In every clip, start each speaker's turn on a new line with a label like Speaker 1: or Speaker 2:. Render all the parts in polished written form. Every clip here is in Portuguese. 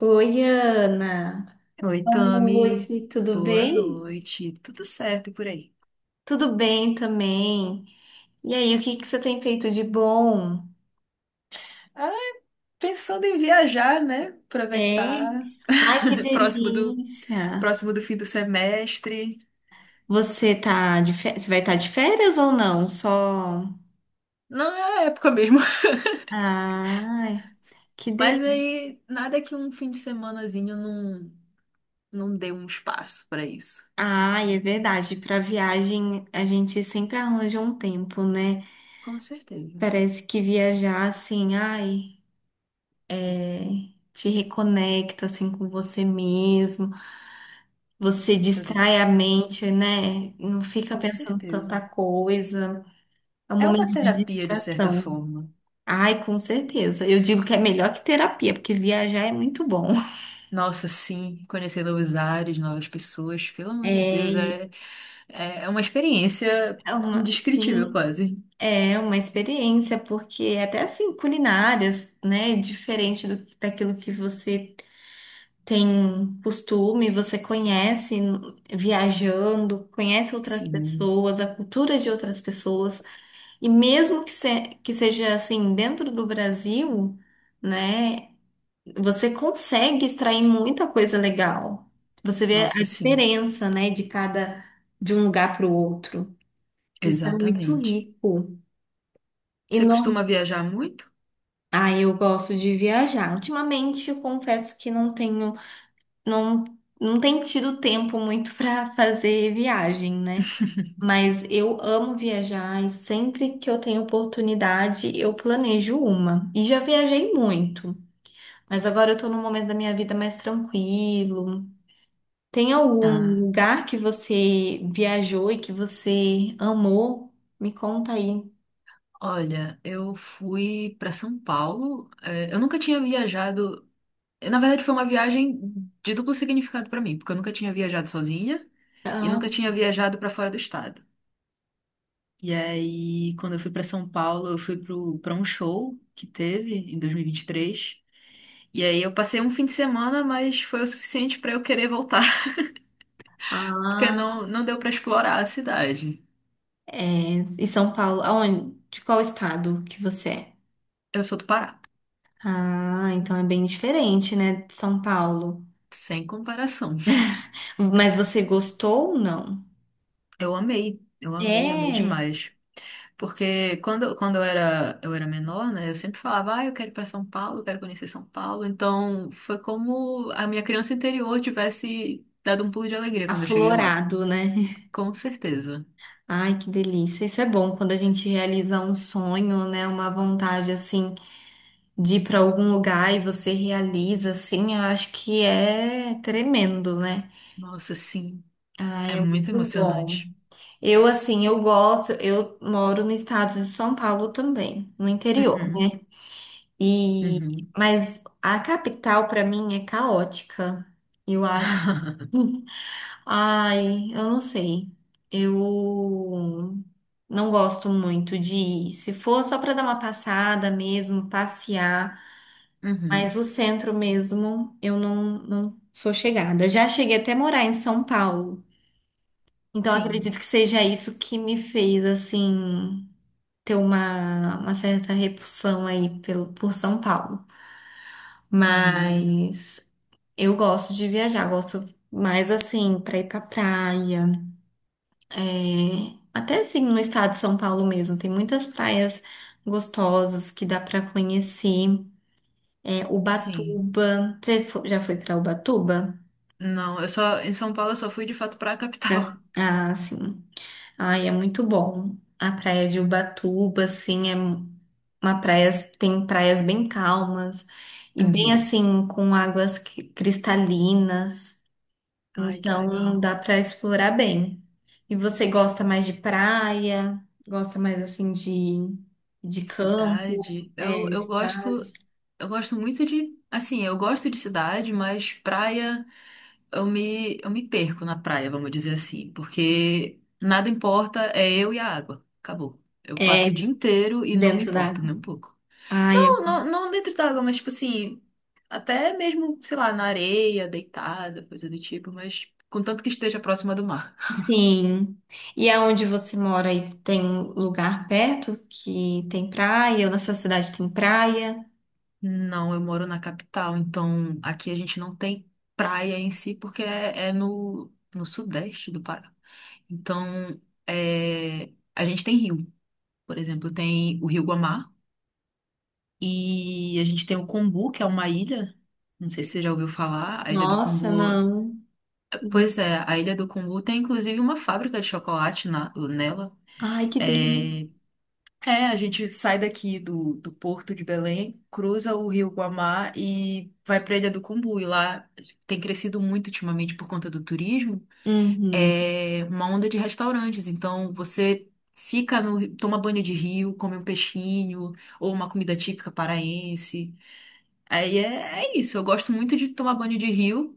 Speaker 1: Oi, Ana.
Speaker 2: Oi,
Speaker 1: Boa
Speaker 2: Tami.
Speaker 1: noite, tudo
Speaker 2: Boa
Speaker 1: bem?
Speaker 2: noite. Tudo certo por aí?
Speaker 1: Tudo bem também? E aí, o que que você tem feito de bom?
Speaker 2: Ah, pensando em viajar, né?
Speaker 1: É?
Speaker 2: Aproveitar.
Speaker 1: Ai, que
Speaker 2: Próximo do,
Speaker 1: delícia!
Speaker 2: próximo do fim do semestre.
Speaker 1: Você vai estar de férias ou não? Só.
Speaker 2: Não é a época mesmo.
Speaker 1: Ai, que
Speaker 2: Mas
Speaker 1: delícia.
Speaker 2: aí, nada que um fim de semanazinho não dê um espaço para isso.
Speaker 1: Ai, é verdade. Para viagem, a gente sempre arranja um tempo, né?
Speaker 2: Com certeza.
Speaker 1: Parece que viajar assim, ai, é, te reconecta assim com você mesmo. Você
Speaker 2: Isso é
Speaker 1: distrai a
Speaker 2: definitivamente.
Speaker 1: mente, né? Não fica
Speaker 2: Com
Speaker 1: pensando tanta
Speaker 2: certeza.
Speaker 1: coisa. É um
Speaker 2: É uma
Speaker 1: momento de
Speaker 2: terapia, de certa
Speaker 1: distração.
Speaker 2: forma.
Speaker 1: Ai, com certeza. Eu digo que é melhor que terapia, porque viajar é muito bom.
Speaker 2: Nossa, sim, conhecer novos ares, novas pessoas. Pelo amor de
Speaker 1: É,
Speaker 2: Deus,
Speaker 1: e
Speaker 2: É uma experiência
Speaker 1: é uma,
Speaker 2: indescritível,
Speaker 1: sim,
Speaker 2: quase.
Speaker 1: é uma experiência, porque é até assim, culinárias, né? Diferente do, daquilo que você tem costume, você conhece viajando, conhece outras
Speaker 2: Sim,
Speaker 1: pessoas, a cultura de outras pessoas. E mesmo que, que seja assim dentro do Brasil, né, você consegue extrair muita coisa legal. Você vê a
Speaker 2: nossa, sim,
Speaker 1: diferença, né, de cada, de um lugar para o outro. Isso é muito
Speaker 2: exatamente.
Speaker 1: rico. E
Speaker 2: Você
Speaker 1: não,
Speaker 2: costuma viajar muito?
Speaker 1: ah, eu gosto de viajar. Ultimamente, eu confesso que não tenho, não, não tenho tido tempo muito para fazer viagem, né? Mas eu amo viajar e sempre que eu tenho oportunidade, eu planejo uma. E já viajei muito, mas agora eu tô num momento da minha vida mais tranquilo. Tem algum
Speaker 2: Ah,
Speaker 1: lugar que você viajou e que você amou? Me conta aí.
Speaker 2: olha, eu fui para São Paulo. Eu nunca tinha viajado. Na verdade, foi uma viagem de duplo significado para mim, porque eu nunca tinha viajado sozinha e
Speaker 1: Ah,
Speaker 2: nunca tinha viajado para fora do estado. E aí, quando eu fui para São Paulo, eu fui para um show que teve em 2023. E aí eu passei um fim de semana, mas foi o suficiente para eu querer voltar, porque
Speaker 1: ah,
Speaker 2: não deu para explorar a cidade.
Speaker 1: é. E São Paulo, aonde? De qual estado que você é?
Speaker 2: Eu sou do Pará,
Speaker 1: Ah, então é bem diferente, né, de São Paulo.
Speaker 2: sem comparação.
Speaker 1: Mas você gostou ou não?
Speaker 2: Eu amei, amei
Speaker 1: É,
Speaker 2: demais. Porque quando eu era menor, né, eu sempre falava, ah, eu quero ir para São Paulo, eu quero conhecer São Paulo. Então foi como a minha criança interior tivesse dado um pulo de alegria quando eu cheguei lá.
Speaker 1: aflorado, né?
Speaker 2: Com certeza.
Speaker 1: Ai, que delícia. Isso é bom quando a gente realiza um sonho, né? Uma vontade assim de ir para algum lugar e você realiza assim, eu acho que é tremendo, né?
Speaker 2: Nossa, sim,
Speaker 1: Ai,
Speaker 2: é
Speaker 1: é
Speaker 2: muito
Speaker 1: muito bom.
Speaker 2: emocionante.
Speaker 1: Eu assim, eu gosto, eu moro no estado de São Paulo também, no interior,
Speaker 2: Uhum,
Speaker 1: né? E
Speaker 2: uhum.
Speaker 1: mas a capital para mim é caótica. Eu acho. Ai, eu não sei. Eu não gosto muito de ir. Se for só para dar uma passada mesmo, passear, mas
Speaker 2: Uhum,
Speaker 1: o centro mesmo, eu não, não sou chegada. Já cheguei até a morar em São Paulo. Então
Speaker 2: sim.
Speaker 1: acredito que seja isso que me fez assim ter uma certa repulsão aí pelo, por São Paulo.
Speaker 2: Uhum.
Speaker 1: Mas eu gosto de viajar, gosto mais assim para ir para praia. É, até assim no estado de São Paulo mesmo, tem muitas praias gostosas que dá para conhecer. É,
Speaker 2: Sim.
Speaker 1: Ubatuba. Já foi para Ubatuba?
Speaker 2: Não, eu só em São Paulo eu só fui de fato pra
Speaker 1: Já.
Speaker 2: capital.
Speaker 1: Ah, sim. Ai, é muito bom. A praia de Ubatuba, assim, é uma praia, tem praias bem calmas e bem
Speaker 2: Uhum.
Speaker 1: assim, com águas cristalinas.
Speaker 2: Ai, que
Speaker 1: Então
Speaker 2: legal.
Speaker 1: dá para explorar bem. E você gosta mais de praia? Gosta mais assim de campo?
Speaker 2: Cidade. Eu,
Speaker 1: É,
Speaker 2: eu
Speaker 1: cidade?
Speaker 2: gosto eu gosto muito de assim, eu gosto de cidade, mas praia eu me perco na praia, vamos dizer assim, porque nada importa, é eu e a água. Acabou. Eu passo
Speaker 1: É
Speaker 2: o dia inteiro e não me
Speaker 1: dentro da
Speaker 2: importo nem
Speaker 1: água.
Speaker 2: um pouco.
Speaker 1: Ai, é-
Speaker 2: Não, não, não dentro d'água, mas tipo assim, até mesmo, sei lá, na areia, deitada, coisa do tipo, mas contanto que esteja próxima do mar.
Speaker 1: sim. E aonde você mora aí tem lugar perto que tem praia? Ou na sua cidade tem praia?
Speaker 2: Não, eu moro na capital, então aqui a gente não tem praia em si, porque é no sudeste do Pará. Então, a gente tem rio, por exemplo, tem o Rio Guamá e a gente tem o Combu, que é uma ilha. Não sei se você já ouviu falar, a Ilha do
Speaker 1: Nossa,
Speaker 2: Combu.
Speaker 1: não. Uhum.
Speaker 2: Pois é, a Ilha do Cumbu tem inclusive uma fábrica de chocolate nela.
Speaker 1: Ai, que delícia.
Speaker 2: É, é, a gente sai daqui do Porto de Belém, cruza o Rio Guamá e vai para a Ilha do Cumbu. E lá tem crescido muito ultimamente por conta do turismo,
Speaker 1: Uhum,
Speaker 2: é uma onda de restaurantes. Então você fica no, ri- toma banho de rio, come um peixinho ou uma comida típica paraense. Aí é isso. Eu gosto muito de tomar banho de rio.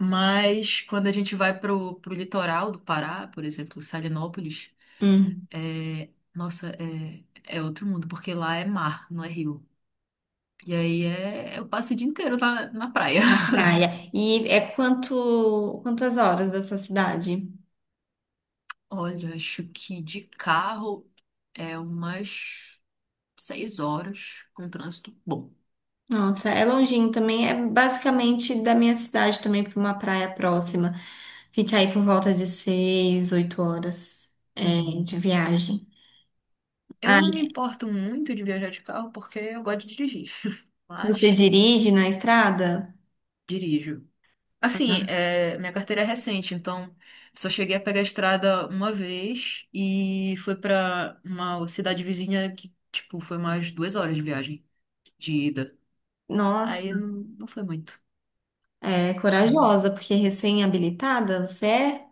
Speaker 2: Mas quando a gente vai pro litoral do Pará, por exemplo, Salinópolis,
Speaker 1: uhum.
Speaker 2: nossa, é outro mundo, porque lá é mar, não é rio. E aí eu passo o dia inteiro na praia.
Speaker 1: Na praia. E é quantas horas da sua cidade?
Speaker 2: Olha, acho que de carro é umas 6 horas com trânsito bom.
Speaker 1: Nossa, é longinho também, é basicamente da minha cidade também para uma praia próxima. Fica aí por volta de seis, oito horas é, de
Speaker 2: Uhum.
Speaker 1: viagem.
Speaker 2: Eu
Speaker 1: Ah,
Speaker 2: não me importo muito de viajar de carro porque eu gosto de dirigir,
Speaker 1: você
Speaker 2: mas
Speaker 1: dirige na estrada?
Speaker 2: dirijo. Assim,
Speaker 1: Ah,
Speaker 2: minha carteira é recente, então só cheguei a pegar a estrada uma vez e foi pra uma cidade vizinha que, tipo, foi mais 2 horas de viagem, de ida. Aí
Speaker 1: nossa,
Speaker 2: não foi muito.
Speaker 1: é corajosa, porque recém-habilitada você é?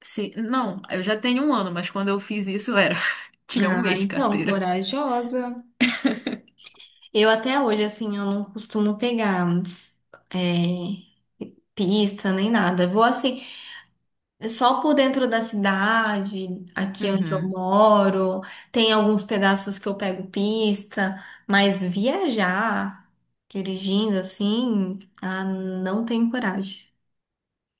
Speaker 2: Sim, não, eu já tenho um ano, mas quando eu fiz isso era, tinha um
Speaker 1: Ah,
Speaker 2: mês de
Speaker 1: então,
Speaker 2: carteira.
Speaker 1: corajosa. Eu até hoje, assim, eu não costumo pegar é, pista nem nada. Vou assim, é só por dentro da cidade, aqui onde eu
Speaker 2: Uhum.
Speaker 1: moro, tem alguns pedaços que eu pego pista, mas viajar dirigindo assim, ah, não tenho coragem.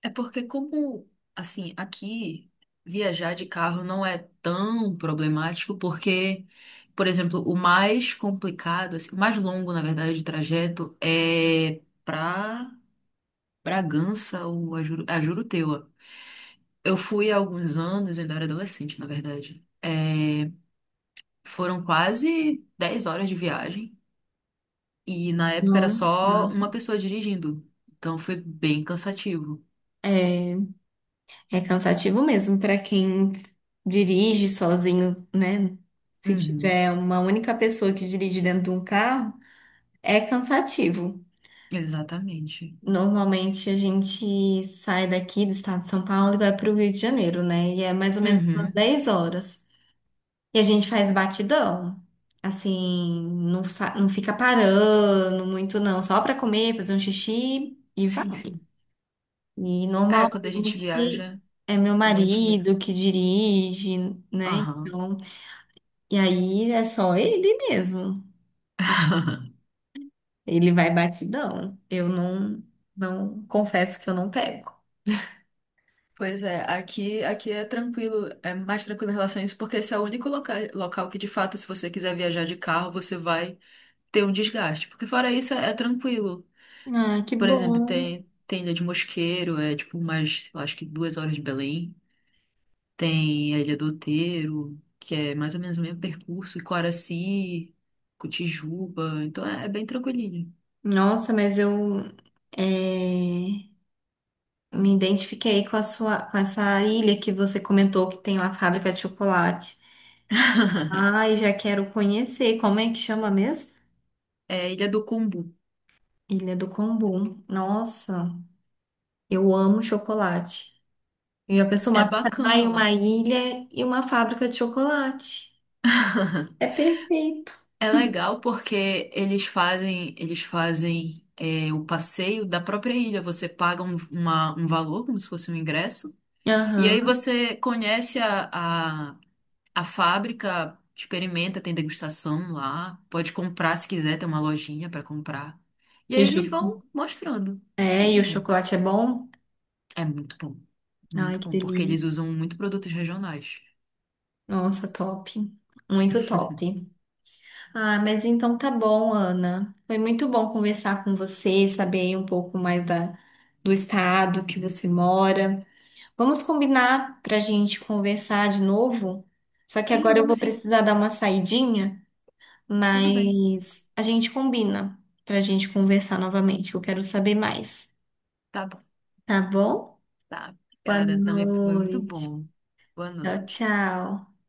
Speaker 2: É porque como, assim, aqui viajar de carro não é tão problemático, porque, por exemplo, o mais complicado, assim, o mais longo, na verdade, de trajeto é pra Bragança ou a a Juruteua. Eu fui há alguns anos, ainda era adolescente, na verdade. É, foram quase 10 horas de viagem e na época era
Speaker 1: Não.
Speaker 2: só uma
Speaker 1: Hum.
Speaker 2: pessoa dirigindo. Então foi bem cansativo.
Speaker 1: É, é cansativo mesmo para quem dirige sozinho, né? Se
Speaker 2: Uhum,
Speaker 1: tiver uma única pessoa que dirige dentro de um carro, é cansativo.
Speaker 2: exatamente.
Speaker 1: Normalmente a gente sai daqui do estado de São Paulo e vai para o Rio de Janeiro, né? E é mais ou menos umas
Speaker 2: Uhum.
Speaker 1: 10 horas. E a gente faz batidão. Assim, não, não fica parando muito, não. Só para comer, fazer um xixi e
Speaker 2: Sim,
Speaker 1: vai.
Speaker 2: sim.
Speaker 1: E
Speaker 2: É, quando a gente
Speaker 1: normalmente
Speaker 2: viaja,
Speaker 1: é meu
Speaker 2: quando a gente vê.
Speaker 1: marido que dirige, né?
Speaker 2: Aham.
Speaker 1: Então, e aí é só ele mesmo. Ele vai batidão. Eu não, não confesso que eu não pego.
Speaker 2: Pois é, aqui é tranquilo, é mais tranquilo em relação a isso, porque esse é o único local que, de fato, se você quiser viajar de carro, você vai ter um desgaste. Porque fora isso, é tranquilo.
Speaker 1: Ah, que
Speaker 2: Por exemplo,
Speaker 1: bom.
Speaker 2: tem Ilha de Mosqueiro, é tipo mais, eu acho que 2 horas de Belém. Tem a Ilha do Outeiro, que é mais ou menos o mesmo percurso, e Coraci, Cotijuba, então é bem tranquilinho.
Speaker 1: Nossa, mas eu é, me identifiquei com a sua, com essa ilha que você comentou que tem uma fábrica de chocolate. Ai, já quero conhecer. Como é que chama mesmo?
Speaker 2: É a Ilha do Combu.
Speaker 1: Ilha do Combu. Nossa, eu amo chocolate. E a pessoa,
Speaker 2: É
Speaker 1: uma
Speaker 2: bacana
Speaker 1: praia,
Speaker 2: lá.
Speaker 1: uma ilha e uma fábrica de chocolate. É perfeito.
Speaker 2: É legal porque eles fazem o passeio da própria ilha. Você paga um valor, como se fosse um ingresso, e aí
Speaker 1: Aham.
Speaker 2: você conhece a, a fábrica, experimenta, tem degustação lá, pode comprar se quiser, tem uma lojinha para comprar. E
Speaker 1: E o
Speaker 2: aí
Speaker 1: cho-
Speaker 2: eles vão mostrando
Speaker 1: É, e o
Speaker 2: tudinho.
Speaker 1: chocolate é bom?
Speaker 2: É
Speaker 1: Ai,
Speaker 2: muito
Speaker 1: que
Speaker 2: bom, porque eles
Speaker 1: delícia.
Speaker 2: usam muito produtos regionais.
Speaker 1: Nossa, top. Muito top. Ah, mas então tá bom, Ana. Foi muito bom conversar com você, saber aí um pouco mais da, do estado que você mora. Vamos combinar para a gente conversar de novo? Só que
Speaker 2: Sim,
Speaker 1: agora eu
Speaker 2: vamos
Speaker 1: vou
Speaker 2: sim,
Speaker 1: precisar dar uma saidinha,
Speaker 2: tudo bem.
Speaker 1: mas a gente combina para a gente conversar novamente. Eu quero saber mais,
Speaker 2: Tá.
Speaker 1: tá bom?
Speaker 2: Tá,
Speaker 1: Boa
Speaker 2: cara, também foi muito
Speaker 1: noite.
Speaker 2: bom. Boa
Speaker 1: Tchau,
Speaker 2: noite.
Speaker 1: tchau.